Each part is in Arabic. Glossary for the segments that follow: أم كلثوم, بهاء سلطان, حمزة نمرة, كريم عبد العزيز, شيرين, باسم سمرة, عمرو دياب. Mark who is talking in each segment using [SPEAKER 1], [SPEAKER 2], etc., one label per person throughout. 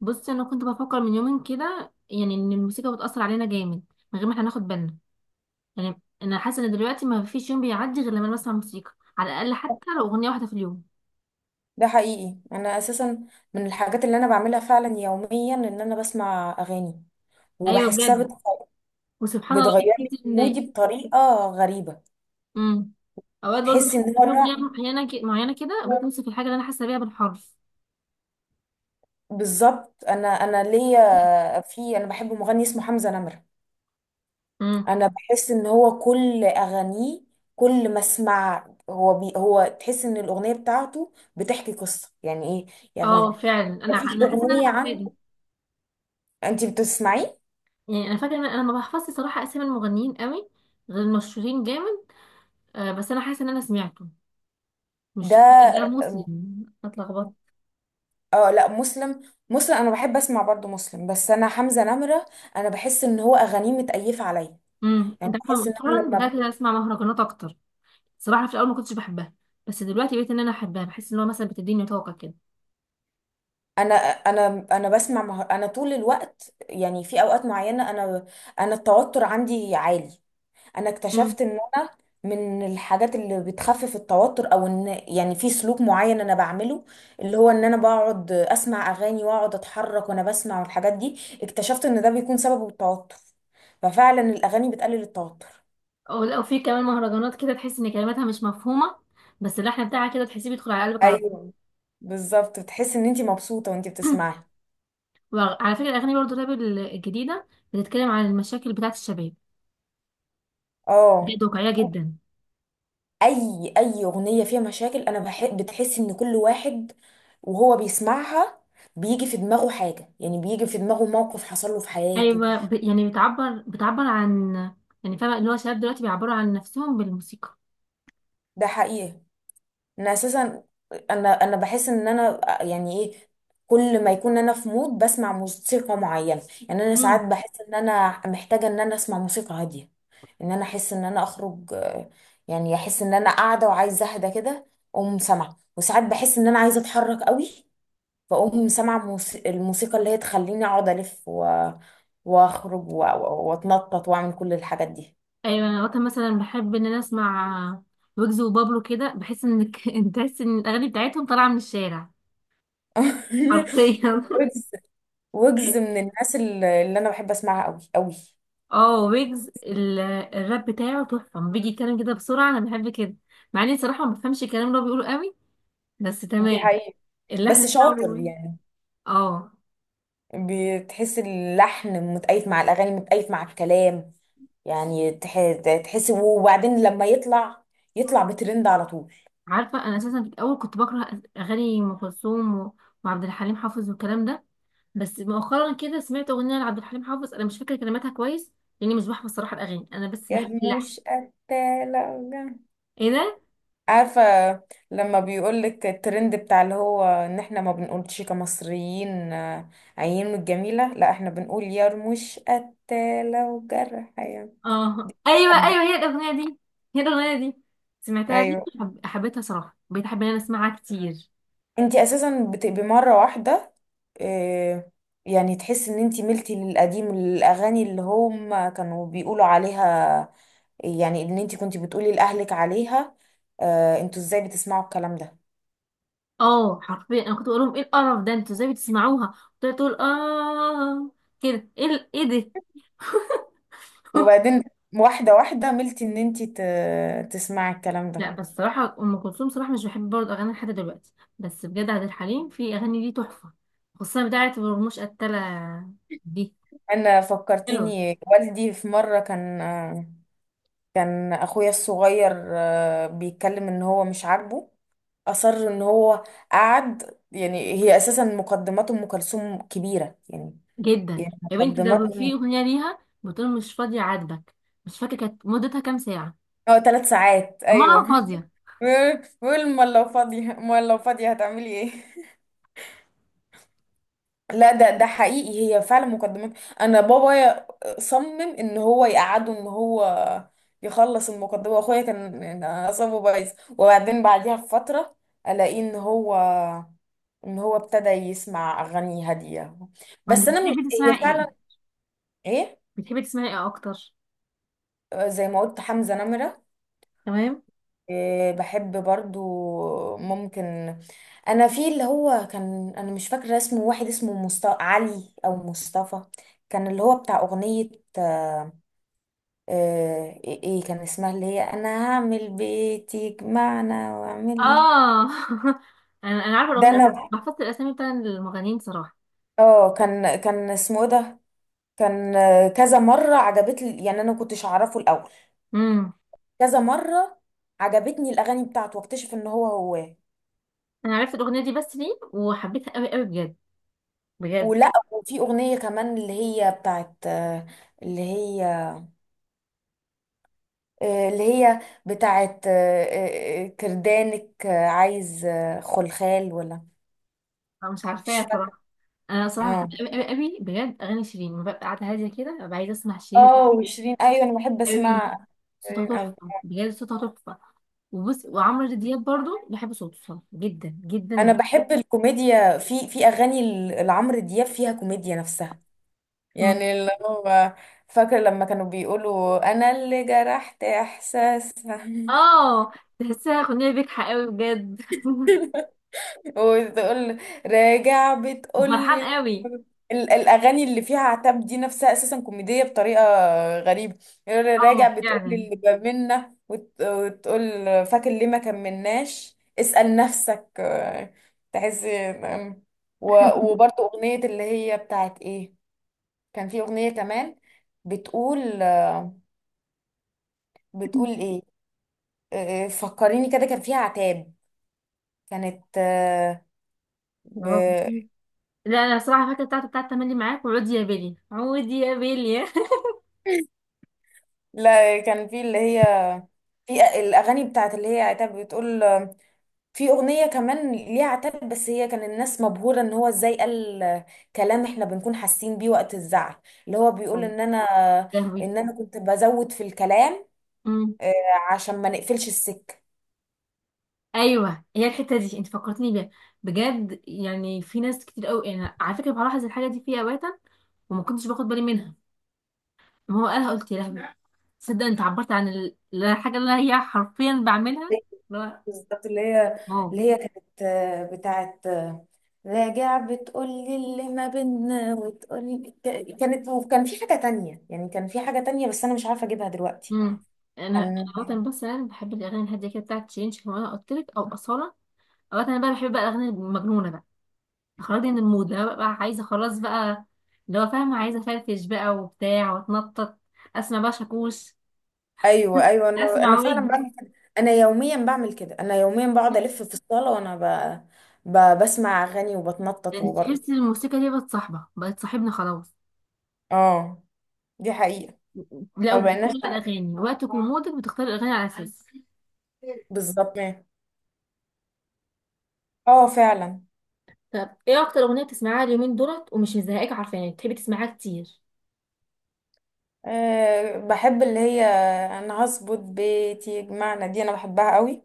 [SPEAKER 1] بصي، انا كنت بفكر من يومين كده، يعني ان الموسيقى بتأثر علينا جامد من غير ما احنا ناخد بالنا. يعني انا حاسه ان دلوقتي ما فيش يوم بيعدي غير لما أنا بسمع موسيقى، على الاقل حتى لو اغنيه واحده في اليوم.
[SPEAKER 2] ده حقيقي. انا اساسا من الحاجات اللي انا بعملها فعلا يوميا ان انا بسمع اغاني
[SPEAKER 1] ايوه،
[SPEAKER 2] وبحسها
[SPEAKER 1] بجد، وسبحان الله.
[SPEAKER 2] بتغير لي
[SPEAKER 1] تحسي ان
[SPEAKER 2] مودي بطريقه غريبه.
[SPEAKER 1] امم اوقات برضه
[SPEAKER 2] تحس
[SPEAKER 1] بحس
[SPEAKER 2] ان
[SPEAKER 1] ان
[SPEAKER 2] هو
[SPEAKER 1] في اغنيه
[SPEAKER 2] نوع،
[SPEAKER 1] معينه معينه كده بتوصف الحاجه اللي انا حاسه بيها بالحرف.
[SPEAKER 2] بالظبط. انا ليا، في، انا بحب مغني اسمه حمزه نمره.
[SPEAKER 1] امم
[SPEAKER 2] انا بحس ان هو كل اغانيه، كل ما اسمع هو بي هو تحس ان الاغنيه بتاعته بتحكي قصه، يعني ايه
[SPEAKER 1] اه
[SPEAKER 2] يعني،
[SPEAKER 1] فعلا، انا
[SPEAKER 2] مفيش
[SPEAKER 1] انا حاسه ان انا
[SPEAKER 2] اغنيه
[SPEAKER 1] فاكره
[SPEAKER 2] عنده.
[SPEAKER 1] دي.
[SPEAKER 2] انت بتسمعيه؟
[SPEAKER 1] يعني انا فاكره ان انا ما بحفظش صراحه اسامي المغنيين قوي، غير المشهورين جامد. آه، بس انا حاسه ان انا سمعته. مش
[SPEAKER 2] ده،
[SPEAKER 1] ده مسلم؟ اتلخبطت.
[SPEAKER 2] اه لا، مسلم. مسلم انا بحب اسمع برضو مسلم، بس انا حمزة نمرة، انا بحس ان هو اغانيه متأيفة عليا. يعني
[SPEAKER 1] انت عارفه،
[SPEAKER 2] بحس ان انا
[SPEAKER 1] مؤخرا بدات ان انا اسمع مهرجانات اكتر. صراحه في الاول ما كنتش بحبها، بس دلوقتي بقيت ان انا احبها. بحس ان هو مثلا بتديني طاقه كده.
[SPEAKER 2] انا انا طول الوقت، يعني في اوقات معينة انا، انا التوتر عندي عالي. انا
[SPEAKER 1] امم
[SPEAKER 2] اكتشفت ان انا من الحاجات اللي بتخفف التوتر، او ان يعني في سلوك معين انا بعمله، اللي هو ان انا بقعد اسمع اغاني واقعد اتحرك وانا بسمع، والحاجات دي اكتشفت ان ده بيكون سببه التوتر، ففعلا الاغاني بتقلل التوتر.
[SPEAKER 1] او لو في كمان مهرجانات كده، تحس ان كلماتها مش مفهومه، بس اللحن بتاعها كده تحسيه بيدخل على قلبك على طول.
[SPEAKER 2] ايوه بالظبط، بتحس ان انت مبسوطه وانت بتسمعي.
[SPEAKER 1] وعلى فكره، الاغاني برضو الراب الجديده بتتكلم عن المشاكل بتاعه الشباب،
[SPEAKER 2] اه،
[SPEAKER 1] بجد واقعيه جدا.
[SPEAKER 2] اي اي اغنيه فيها مشاكل انا بحب، بتحس ان كل واحد وهو بيسمعها بيجي في دماغه حاجه، يعني بيجي في دماغه موقف حصل له في حياته.
[SPEAKER 1] يعني بتعبر، بتعبر عن، يعني فاهمه، اللي هو شباب دلوقتي بيعبروا عن نفسهم بالموسيقى.
[SPEAKER 2] ده حقيقي، انا اساسا، انا بحس ان انا يعني ايه، كل ما يكون انا في مود بسمع موسيقى معينه، يعني انا ساعات بحس ان انا محتاجه ان انا اسمع موسيقى هاديه، ان انا احس ان انا اخرج، يعني احس ان انا قاعده وعايزه اهدى كده، اقوم سامعه. وساعات بحس ان انا عايزه اتحرك قوي، فاقوم سامعه الموسيقى اللي هي تخليني اقعد الف واخرج واتنطط واعمل كل الحاجات دي.
[SPEAKER 1] ايوه، انا وقتها مثلا بحب ان انا اسمع ويجز وبابلو كده. بحس انك انت تحس ان الاغاني بتاعتهم طالعه من الشارع حرفيا.
[SPEAKER 2] وجز، وجز من الناس اللي انا بحب اسمعها قوي قوي.
[SPEAKER 1] اه، ويجز الراب بتاعه تحفه لما بيجي يتكلم كده بسرعه، انا بحب كده، مع اني صراحه ما بفهمش الكلام اللي هو بيقوله قوي، بس
[SPEAKER 2] دي
[SPEAKER 1] تمام
[SPEAKER 2] حقيقة،
[SPEAKER 1] اللحن
[SPEAKER 2] بس
[SPEAKER 1] بتاعه.
[SPEAKER 2] شاطر يعني.
[SPEAKER 1] اه،
[SPEAKER 2] بتحس اللحن متأيت مع الأغاني، متأيت مع الكلام. يعني تح- تحس. وبعدين لما يطلع، يطلع بترند على طول.
[SPEAKER 1] عارفه، انا اساسا في الاول كنت بكره اغاني ام كلثوم وعبد الحليم حافظ والكلام ده، بس مؤخرا كده سمعت اغنيه لعبد الحليم حافظ، انا مش فاكره كلماتها كويس لاني مش بحفظ صراحه الاغاني، انا بس
[SPEAKER 2] يا
[SPEAKER 1] بحب اللحن.
[SPEAKER 2] مش
[SPEAKER 1] ايه ده؟
[SPEAKER 2] عارفة، لما بيقولك الترند بتاع اللي هو ان احنا ما بنقولش كمصريين عين من الجميلة، لا احنا بنقول يا رموش قتالة وجرح يا
[SPEAKER 1] اه ايوه
[SPEAKER 2] حد.
[SPEAKER 1] ايوه، هي الاغنيه دي، هي الاغنيه دي سمعتها ليه،
[SPEAKER 2] ايوه،
[SPEAKER 1] حبيتها صراحه، بقيت احب ان انا اسمعها كتير.
[SPEAKER 2] انتي اساسا بتبقي مره واحده، آه، يعني تحس ان انتي ملتي للقديم، الاغاني اللي هم كانوا بيقولوا عليها، يعني ان انتي كنتي بتقولي لاهلك عليها انتوا ازاي بتسمعوا الكلام ده.
[SPEAKER 1] اه حرفيا، انا كنت بقول لهم ايه القرف ده؟ انتوا ازاي بتسمعوها؟ كنت تقول اه كده، ايه ايه ده؟
[SPEAKER 2] وبعدين واحده واحده ملتي ان انتي تسمعي الكلام
[SPEAKER 1] لا
[SPEAKER 2] ده.
[SPEAKER 1] بس صراحه ام كلثوم صراحه مش بحب برضه اغاني لحد دلوقتي، بس بجد عبد الحليم في اغاني ليه تحفه، خصوصا بتاعه ورموش قتله دي،
[SPEAKER 2] انا
[SPEAKER 1] حلوه
[SPEAKER 2] فكرتيني والدي في مره كان، كان اخويا الصغير بيتكلم ان هو مش عاجبه، أصر إن هو قعد، يعني هي أساسا مقدمات أم كلثوم كبيرة يعني،
[SPEAKER 1] جدا.
[SPEAKER 2] يعني
[SPEAKER 1] يا بنتي، ده في اغنيه ليها بتقول مش فاضيه عاتبك، مش فاكره كانت مدتها كام ساعه.
[SPEAKER 2] اه ثلاث ساعات أيوه.
[SPEAKER 1] دماغها فاضية.
[SPEAKER 2] بيقول أمال لو فاضية، أمال لو فاضية هتعملي إيه؟ لا ده، ده حقيقي، هي فعلا مقدمات. أنا بابا صمم إن هو يقعده، إن هو يخلص المقدمة، وأخويا كان يعني أعصابه بايظ. وبعدين بعديها بفترة ألاقيه إن هو، إن هو ابتدى يسمع أغاني هادية.
[SPEAKER 1] ما انت
[SPEAKER 2] بس أنا مش
[SPEAKER 1] بتحبي
[SPEAKER 2] هي
[SPEAKER 1] تسمعي ايه؟
[SPEAKER 2] فعلا. إيه؟
[SPEAKER 1] بتحبي تسمعي ايه اكتر؟
[SPEAKER 2] زي ما قلت حمزة نمرة.
[SPEAKER 1] تمام.
[SPEAKER 2] إيه، بحب برضو ممكن انا، في اللي هو كان، انا مش فاكرة اسمه، واحد اسمه علي او مصطفى، كان اللي هو بتاع اغنية آه، ايه، إيه كان اسمها، اللي هي انا هعمل بيتي يجمعنا، واعمل
[SPEAKER 1] اه انا عارفة
[SPEAKER 2] ده
[SPEAKER 1] الاغنية، بس
[SPEAKER 2] انا،
[SPEAKER 1] بحفظت الاسامي بتاع المغنيين صراحة.
[SPEAKER 2] اه كان، كان اسمه إيه ده، كان كذا مرة عجبتني، يعني انا ما كنتش اعرفه الاول،
[SPEAKER 1] امم
[SPEAKER 2] كذا مرة عجبتني الاغاني بتاعته واكتشف ان هو هو.
[SPEAKER 1] انا عرفت الاغنية دي بس ليه، وحبيتها قوي قوي بجد بجد.
[SPEAKER 2] ولا وفي اغنيه كمان اللي هي بتاعت اللي هي اللي هي بتاعت كردانك عايز خلخال ولا،
[SPEAKER 1] انا مش
[SPEAKER 2] مش
[SPEAKER 1] عارفاها
[SPEAKER 2] فاكره.
[SPEAKER 1] صراحة. انا صراحة بحب
[SPEAKER 2] اه،
[SPEAKER 1] قوي قوي قوي بجد اغاني شيرين. لما ببقى قاعدة هادية كده ببقى عايزة اسمع شيرين
[SPEAKER 2] اه
[SPEAKER 1] قوي
[SPEAKER 2] وشيرين، ايوه انا بحب
[SPEAKER 1] قوي.
[SPEAKER 2] اسمع شيرين
[SPEAKER 1] صوتها
[SPEAKER 2] قوي.
[SPEAKER 1] تحفة بجد، صوتها تحفة. وبص، وعمرو دياب برضو بحب صوته صراحة، جدا جدا
[SPEAKER 2] انا
[SPEAKER 1] جدا.
[SPEAKER 2] بحب الكوميديا في في اغاني لعمرو دياب، فيها كوميديا نفسها،
[SPEAKER 1] مم.
[SPEAKER 2] يعني اللي هو فاكر لما كانوا بيقولوا انا اللي جرحت احساسها.
[SPEAKER 1] اه، تحسها اغنية بجحة قوي بجد
[SPEAKER 2] وتقول راجع بتقول لي
[SPEAKER 1] وفرحان قوي.
[SPEAKER 2] الاغاني اللي فيها عتاب دي نفسها اساسا كوميديه بطريقه غريبه. يقول لي
[SPEAKER 1] اه
[SPEAKER 2] راجع بتقول لي
[SPEAKER 1] فعلا.
[SPEAKER 2] اللي بمنا وتقول فاكر ليه ما كملناش، اسال نفسك، تحس وبرضه اغنيه اللي هي بتاعت ايه، كان في اغنيه كمان بتقول، بتقول ايه، فكريني كده كان فيها عتاب، كانت ب...
[SPEAKER 1] برافو عليك. لا انا الصراحه فاكره بتاعته، بتاعت تملي معاك، وعود يا بيلي، عود يا بيلي.
[SPEAKER 2] لا كان في اللي هي، في الاغاني بتاعت اللي هي عتاب، بتقول في اغنيه كمان ليها عتاب، بس هي كان الناس مبهوره ان هو ازاي قال كلام احنا بنكون حاسين بيه وقت الزعل. اللي هو بيقول
[SPEAKER 1] آه.
[SPEAKER 2] ان انا،
[SPEAKER 1] لهوي.
[SPEAKER 2] ان انا كنت بزود في الكلام
[SPEAKER 1] امم
[SPEAKER 2] آه، عشان ما نقفلش السكه.
[SPEAKER 1] ايوه، هي الحته دي انت فكرتني بيها، بجد. يعني في ناس كتير قوي، انا على فكره بلاحظ الحاجه دي فيا اوقاتا، وما كنتش باخد بالي منها. ما هو قالها قلت يا لهوي، تصدق انت عبرت عن الحاجه اللي هي حرفيا بعملها؟ اللي هو،
[SPEAKER 2] بالظبط، اللي هي،
[SPEAKER 1] واو.
[SPEAKER 2] اللي هي كانت بتاعت راجع بتقول لي اللي ما بينا وتقول، كانت. وكان في حاجه تانية، يعني كان في حاجه تانية بس انا مش عارفه اجيبها دلوقتي.
[SPEAKER 1] امم انا
[SPEAKER 2] كان.
[SPEAKER 1] وطن، بس انا بحب الاغاني الهاديه كده بتاعت تشينج كمان قلت لك، او اصاله. اوقات انا بقى بحب بقى الاغاني المجنونه بقى، اخرجني من المود، انا بقى عايزه خلاص بقى. لو فاهمه، عايزه افرفش بقى وبتاع واتنطط، اسمع بقى شاكوش.
[SPEAKER 2] ايوه ايوه، انا
[SPEAKER 1] اسمع
[SPEAKER 2] فعلا
[SPEAKER 1] ويجز.
[SPEAKER 2] بعمل كده، انا يوميا بعمل كده، انا يوميا بقعد الف في الصاله وانا بسمع اغاني وبتنطط
[SPEAKER 1] يعني تحسي
[SPEAKER 2] وبرقص.
[SPEAKER 1] الموسيقى دي بقت صاحبه، بقت صاحبنا خلاص.
[SPEAKER 2] اه دي حقيقه،
[SPEAKER 1] لا،
[SPEAKER 2] ما
[SPEAKER 1] وبتختار
[SPEAKER 2] بقيناش.
[SPEAKER 1] بقى الاغاني وقتك ومودك، بتختار الاغاني على اساس.
[SPEAKER 2] بالظبط، اه فعلا.
[SPEAKER 1] طب ايه اكتر اغنيه بتسمعها اليومين دولت ومش مزهقاك، عارفاني بتحبي تسمعها كتير؟
[SPEAKER 2] أه بحب اللي هي، انا هظبط بيتي يجمعنا، دي انا بحبها قوي.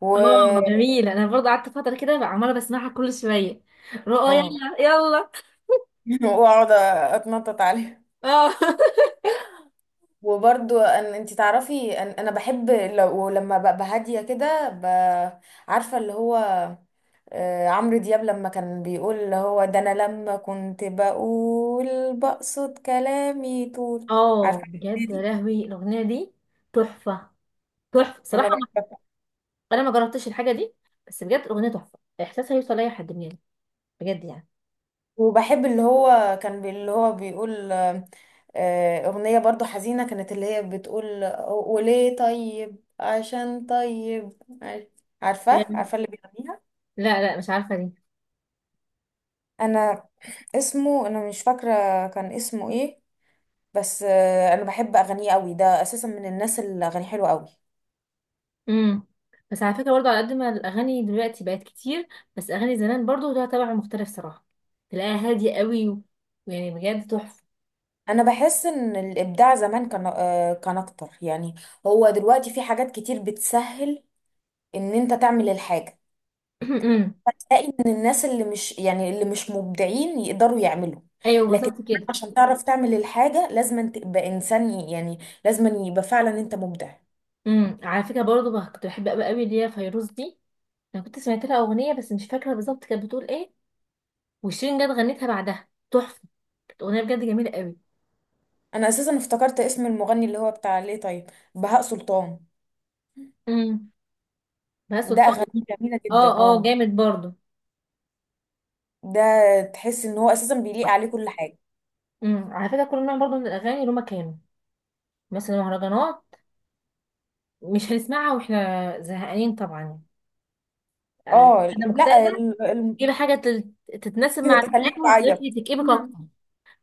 [SPEAKER 2] و
[SPEAKER 1] اه جميلة، انا برضه قعدت فتره كده بقى عماله بسمعها كل شويه، رؤى
[SPEAKER 2] آه.
[SPEAKER 1] يلا يلا.
[SPEAKER 2] واقعد اتنطط عليها.
[SPEAKER 1] اه
[SPEAKER 2] وبرضو أن انت تعرفي أن انا بحب، لو لما ببقى هاديه كده عارفه اللي هو، عمرو دياب لما كان بيقول اللي هو ده انا لما كنت بقول بقصد كلامي طول، عارفه
[SPEAKER 1] اه
[SPEAKER 2] الأغنية
[SPEAKER 1] بجد، يا
[SPEAKER 2] دي؟
[SPEAKER 1] لهوي الاغنيه دي تحفه، تحفه
[SPEAKER 2] انا
[SPEAKER 1] صراحه.
[SPEAKER 2] بحبها.
[SPEAKER 1] انا ما جربتش الحاجه دي، بس بجد الاغنيه تحفه، احساسها يوصل لاي حد مننا، بجد يعني.
[SPEAKER 2] وبحب اللي هو اللي هو بيقول اغنيه برضو حزينه كانت اللي هي بتقول وليه طيب عشان طيب، عارف- عارفه
[SPEAKER 1] بجد.
[SPEAKER 2] عارفه اللي بيغنيها؟
[SPEAKER 1] لا لا مش عارفه دي.
[SPEAKER 2] انا اسمه انا مش فاكره، كان اسمه ايه، بس انا بحب اغانيه قوي، ده اساسا من الناس اللي اغانيه حلوه قوي.
[SPEAKER 1] امم بس على فكره برضو، على قد ما الاغاني دلوقتي بقت كتير، بس اغاني زمان برضو لها طبع مختلف صراحه، تلاقيها هاديه قوي ويعني بجد تحفه.
[SPEAKER 2] انا بحس ان الابداع زمان كان كان اكتر، يعني هو دلوقتي في حاجات كتير بتسهل ان انت تعمل الحاجه،
[SPEAKER 1] أمم.
[SPEAKER 2] فتلاقي ان الناس اللي مش يعني اللي مش مبدعين يقدروا يعملوا.
[SPEAKER 1] ايوه
[SPEAKER 2] لكن
[SPEAKER 1] بالظبط
[SPEAKER 2] زمان
[SPEAKER 1] كده.
[SPEAKER 2] عشان تعرف تعمل الحاجه لازم تبقى انسان يعني لازم يبقى فعلا انت مبدع.
[SPEAKER 1] على فكره برضو بقى، كنت بحب قوي قوي اللي هي فيروز دي، انا كنت سمعت لها اغنيه بس مش فاكره بالظبط كانت بتقول ايه، وشيرين جت غنتها بعدها تحفه، اغنيه بجد جميله قوي.
[SPEAKER 2] انا اساسا افتكرت اسم المغني اللي هو بتاع ليه طيب، بهاء سلطان.
[SPEAKER 1] امم بهاء
[SPEAKER 2] ده
[SPEAKER 1] سلطان.
[SPEAKER 2] اغانيه جميله جدا،
[SPEAKER 1] اه اه،
[SPEAKER 2] اه.
[SPEAKER 1] جامد برضو.
[SPEAKER 2] ده تحس ان هو اساسا بيليق عليه كل حاجه.
[SPEAKER 1] على فكره كل نوع برضو من الاغاني له مكانه. مثلا المهرجانات مش هنسمعها واحنا زهقانين طبعا. يعني
[SPEAKER 2] اه
[SPEAKER 1] انا
[SPEAKER 2] لا،
[SPEAKER 1] مكتئبه، تجيبي حاجه تتناسب مع الاكتئاب
[SPEAKER 2] تخليك تعيط.
[SPEAKER 1] وتخليكي تكئبك
[SPEAKER 2] مم.
[SPEAKER 1] اكتر؟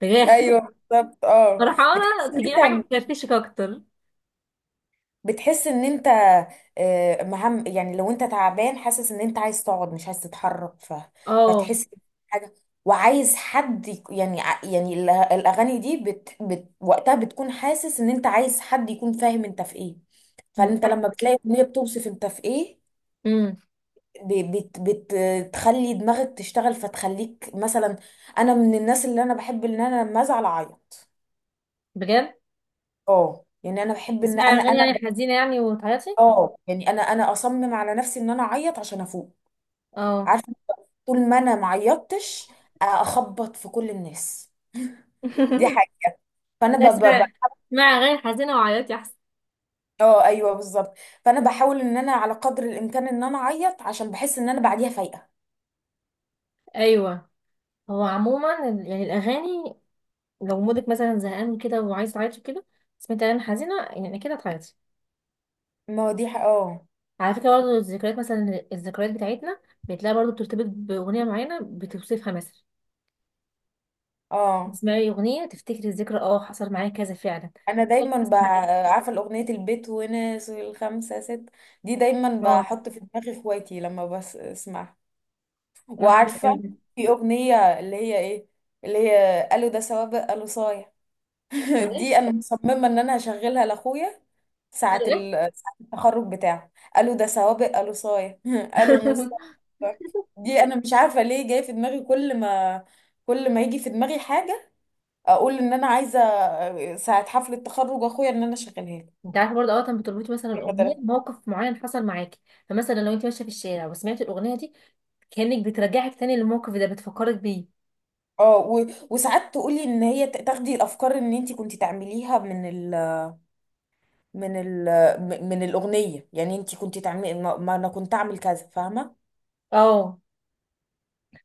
[SPEAKER 1] بجد
[SPEAKER 2] ايوه بالظبط، اه.
[SPEAKER 1] فرحانه
[SPEAKER 2] بتحس ان
[SPEAKER 1] تجيبي
[SPEAKER 2] انت،
[SPEAKER 1] حاجه تفرفشك اكتر.
[SPEAKER 2] بتحس ان انت، مهم، يعني لو انت تعبان حاسس ان انت عايز تقعد مش عايز تتحرك
[SPEAKER 1] اه.
[SPEAKER 2] فتحس حاجه، وعايز حد يعني يعني الاغاني دي وقتها بتكون حاسس ان انت عايز حد يكون فاهم انت في ايه، فانت لما بتلاقي اغنيه بتوصف انت في ايه،
[SPEAKER 1] امم
[SPEAKER 2] ب... بت... بت... بتخلي دماغك تشتغل، فتخليك مثلا، انا من الناس اللي انا بحب ان انا لما ازعل اعيط.
[SPEAKER 1] بجد.
[SPEAKER 2] اه يعني انا بحب ان
[SPEAKER 1] اسمعي
[SPEAKER 2] انا
[SPEAKER 1] اغاني
[SPEAKER 2] انا،
[SPEAKER 1] يعني حزينه يعني وتعيطي.
[SPEAKER 2] اه يعني انا انا اصمم على نفسي ان انا اعيط عشان افوق.
[SPEAKER 1] اه
[SPEAKER 2] عارفه، طول ما انا ما عيطتش اخبط في كل الناس، دي حاجه. فانا
[SPEAKER 1] لا اسمعي، اسمعي اغاني حزينه وعيطي احسن.
[SPEAKER 2] اه ايوه بالظبط، فانا بحاول ان انا على قدر الامكان ان انا اعيط عشان بحس ان انا بعديها فايقه.
[SPEAKER 1] ايوه. هو عموما يعني الاغاني، لو مودك مثلا زهقان كده وعايز تعيطي كده، سمعت اغاني حزينه يعني كده هتعيطي.
[SPEAKER 2] ما هو دي اه،
[SPEAKER 1] على فكره برضه الذكريات، مثلا الذكريات بتاعتنا بتلاقي برضه بترتبط باغنيه معينه بتوصفها، مثلا
[SPEAKER 2] اه.
[SPEAKER 1] تسمعي اغنيه تفتكري الذكرى، اه حصل معايا كذا فعلا.
[SPEAKER 2] انا
[SPEAKER 1] طب، طب
[SPEAKER 2] دايما
[SPEAKER 1] حصل معايا.
[SPEAKER 2] عارفه الاغنيه البيت وناس الخمسه ست، دي دايما
[SPEAKER 1] اه.
[SPEAKER 2] بحط في دماغي اخواتي لما بسمعها.
[SPEAKER 1] اه حلو
[SPEAKER 2] وعارفة،
[SPEAKER 1] قوي.
[SPEAKER 2] في أغنية اللي هي إيه، اللي هي قالوا ده سوابق قالوا صايع،
[SPEAKER 1] قالوا ايه؟
[SPEAKER 2] دي أنا مصممة إن أنا هشغلها لأخويا ساعة
[SPEAKER 1] قالوا
[SPEAKER 2] ساعة التخرج بتاعه. قالوا ده سوابق قالوا صايع، قالوا موسى.
[SPEAKER 1] ايه؟
[SPEAKER 2] دي أنا مش عارفة ليه جاي في دماغي، كل ما، كل ما يجي في دماغي حاجة أقول إن أنا عايزة ساعة حفلة تخرج أخويا إن أنا أشغلها له.
[SPEAKER 1] انت عارفه برضه، اوقات بتربطي مثلا
[SPEAKER 2] لما
[SPEAKER 1] الاغنيه
[SPEAKER 2] تلف-
[SPEAKER 1] بموقف معين حصل معاكي، فمثلا لو انت ماشيه في الشارع وسمعتي الاغنيه دي، كانك بترجعك تاني للموقف ده، بتفكرك بيه.
[SPEAKER 2] اه، وساعات تقولي ان هي تاخدي الافكار ان انت كنت تعمليها من، من ال، من الأغنية، يعني انت كنت تعملي، ما ما انا كنت اعمل كذا، فاهمة؟
[SPEAKER 1] اه.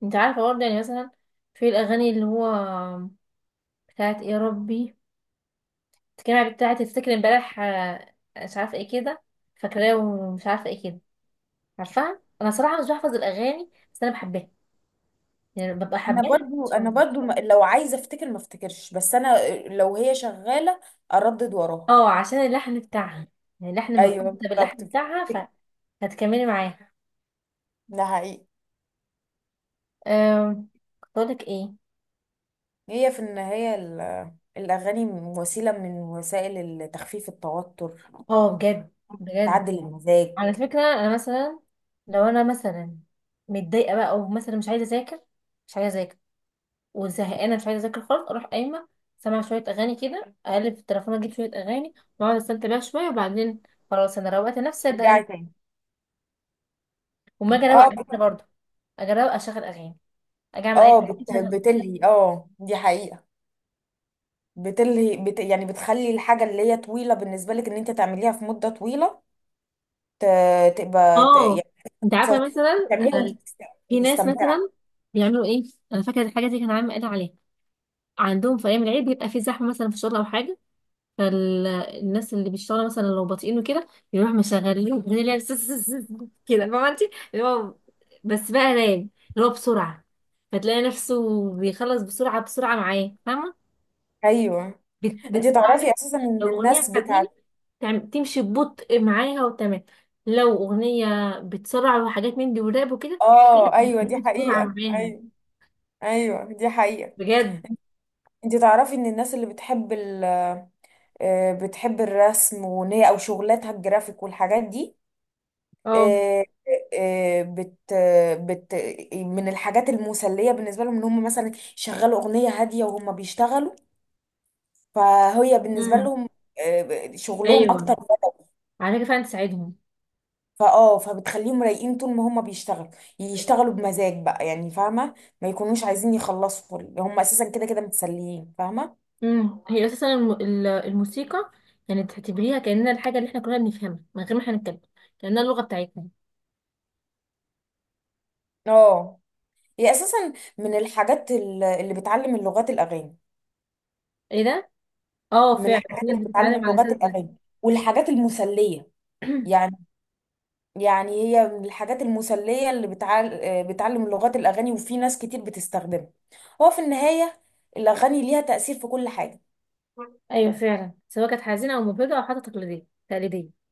[SPEAKER 1] انت عارفة برضه، يعني مثلا في الأغاني اللي هو بتاعت إيه يا ربي، كان بتاعت تفتكر امبارح مش عارفة ايه كده، فاكراه ومش عارفة ايه كده. عارفاها، أنا صراحة مش بحفظ الأغاني، بس أنا بحبها، يعني ببقى
[SPEAKER 2] انا
[SPEAKER 1] حباها
[SPEAKER 2] برضو
[SPEAKER 1] مش
[SPEAKER 2] انا
[SPEAKER 1] حافظها.
[SPEAKER 2] برضو لو عايزة افتكر ما افتكرش، بس انا لو هي شغالة اردد وراها.
[SPEAKER 1] اه، عشان اللحن بتاعها، يعني اللحن
[SPEAKER 2] ايوه
[SPEAKER 1] مرتبطة
[SPEAKER 2] بالظبط
[SPEAKER 1] باللحن
[SPEAKER 2] كده.
[SPEAKER 1] بتاعها هتكملي معاها.
[SPEAKER 2] ده حقيقي.
[SPEAKER 1] أم... كنت أقولك ايه؟
[SPEAKER 2] هي في النهاية الاغاني وسيلة من وسائل تخفيف التوتر،
[SPEAKER 1] اه بجد، بجد.
[SPEAKER 2] بتعدل المزاج.
[SPEAKER 1] على فكرة أنا مثلا، لو أنا مثلا متضايقة بقى، أو مثلا مش عايزة أذاكر، مش عايزة أذاكر وزهقانه، مش عايزه اذاكر خالص، اروح قايمه سامعه شويه اغاني كده، اقلب في التليفون اجيب شويه اغاني واقعد استمتع بيها شويه، وبعدين خلاص انا روقت نفسي ابدا
[SPEAKER 2] ترجعي
[SPEAKER 1] أنام.
[SPEAKER 2] تاني.
[SPEAKER 1] وما اجي اروق
[SPEAKER 2] اه
[SPEAKER 1] على نفسي برضه، اجي اروق اشغل اغاني، اجي اعمل اي
[SPEAKER 2] اه
[SPEAKER 1] حاجه اشغل أغاني.
[SPEAKER 2] بتلهي، اه دي حقيقة، بتلهي، بت يعني، بتخلي الحاجة اللي هي طويلة بالنسبة لك ان انت تعمليها في مدة طويلة تبقى
[SPEAKER 1] اه.
[SPEAKER 2] يعني
[SPEAKER 1] انت عارفه مثلا،
[SPEAKER 2] تعمليها
[SPEAKER 1] في ناس
[SPEAKER 2] مستمتعة.
[SPEAKER 1] مثلا بيعملوا ايه؟ انا فاكره الحاجه دي كان عامل قال عليها، عندهم في ايام العيد بيبقى في زحمه مثلا في الشغل او حاجه، فالناس اللي بيشتغلوا مثلا لو بطيئين وكده، يروح مشغلين اغنيه اللي هي كده، فاهمه انت، اللي هو بس بقى نايم، اللي هو بسرعه، فتلاقي نفسه بيخلص بسرعه بسرعه معاه، فاهمه؟
[SPEAKER 2] ايوه، انت تعرفي
[SPEAKER 1] بتسرعني.
[SPEAKER 2] اساسا ان
[SPEAKER 1] لو اغنيه
[SPEAKER 2] الناس
[SPEAKER 1] حزينه،
[SPEAKER 2] بتاعت،
[SPEAKER 1] تمشي ببطء معاها وتمام، لو اغنيه بتسرع وحاجات من دي وراب وكده،
[SPEAKER 2] اه
[SPEAKER 1] بتجيب
[SPEAKER 2] ايوه دي
[SPEAKER 1] بسرعه
[SPEAKER 2] حقيقة،
[SPEAKER 1] معاها
[SPEAKER 2] ايوه، ايوه دي حقيقة.
[SPEAKER 1] بجد.
[SPEAKER 2] انت تعرفي ان الناس اللي بتحب بتحب الرسم، وان هي او شغلاتها الجرافيك والحاجات دي،
[SPEAKER 1] اه.
[SPEAKER 2] آه، آه، بت... بت من الحاجات المسلية بالنسبة لهم ان هم مثلا يشغلوا اغنية هادية وهم بيشتغلوا، فهي بالنسبة
[SPEAKER 1] امم
[SPEAKER 2] لهم شغلهم
[SPEAKER 1] ايوه،
[SPEAKER 2] اكتر،
[SPEAKER 1] على فكره فعلا تساعدهم.
[SPEAKER 2] فاه، فبتخليهم رايقين طول ما هم بيشتغلوا، يشتغلوا بمزاج بقى، يعني فاهمه، ما يكونوش عايزين يخلصوا، هم اساسا كده كده متسليين، فاهمه.
[SPEAKER 1] هي اساسا الموسيقى يعني تعتبريها كانها الحاجه اللي احنا كلنا بنفهمها من غير ما احنا نتكلم، كانها اللغه بتاعتنا.
[SPEAKER 2] اه، هي اساسا من الحاجات اللي بتعلم اللغات الاغاني،
[SPEAKER 1] ايه ده؟ اه
[SPEAKER 2] من
[SPEAKER 1] فعلا،
[SPEAKER 2] الحاجات
[SPEAKER 1] الناس
[SPEAKER 2] اللي بتعلم
[SPEAKER 1] بتتعلم على
[SPEAKER 2] اللغات
[SPEAKER 1] اساس ده.
[SPEAKER 2] الاغاني والحاجات المسليه، يعني، يعني هي من الحاجات المسليه اللي بتعلم لغات الاغاني، وفي ناس كتير بتستخدمها. هو في النهايه الاغاني ليها تاثير في كل حاجه.
[SPEAKER 1] ايوه فعلا، سواء كانت حزينه او مبهجه او حتى تقليديه تقليديه.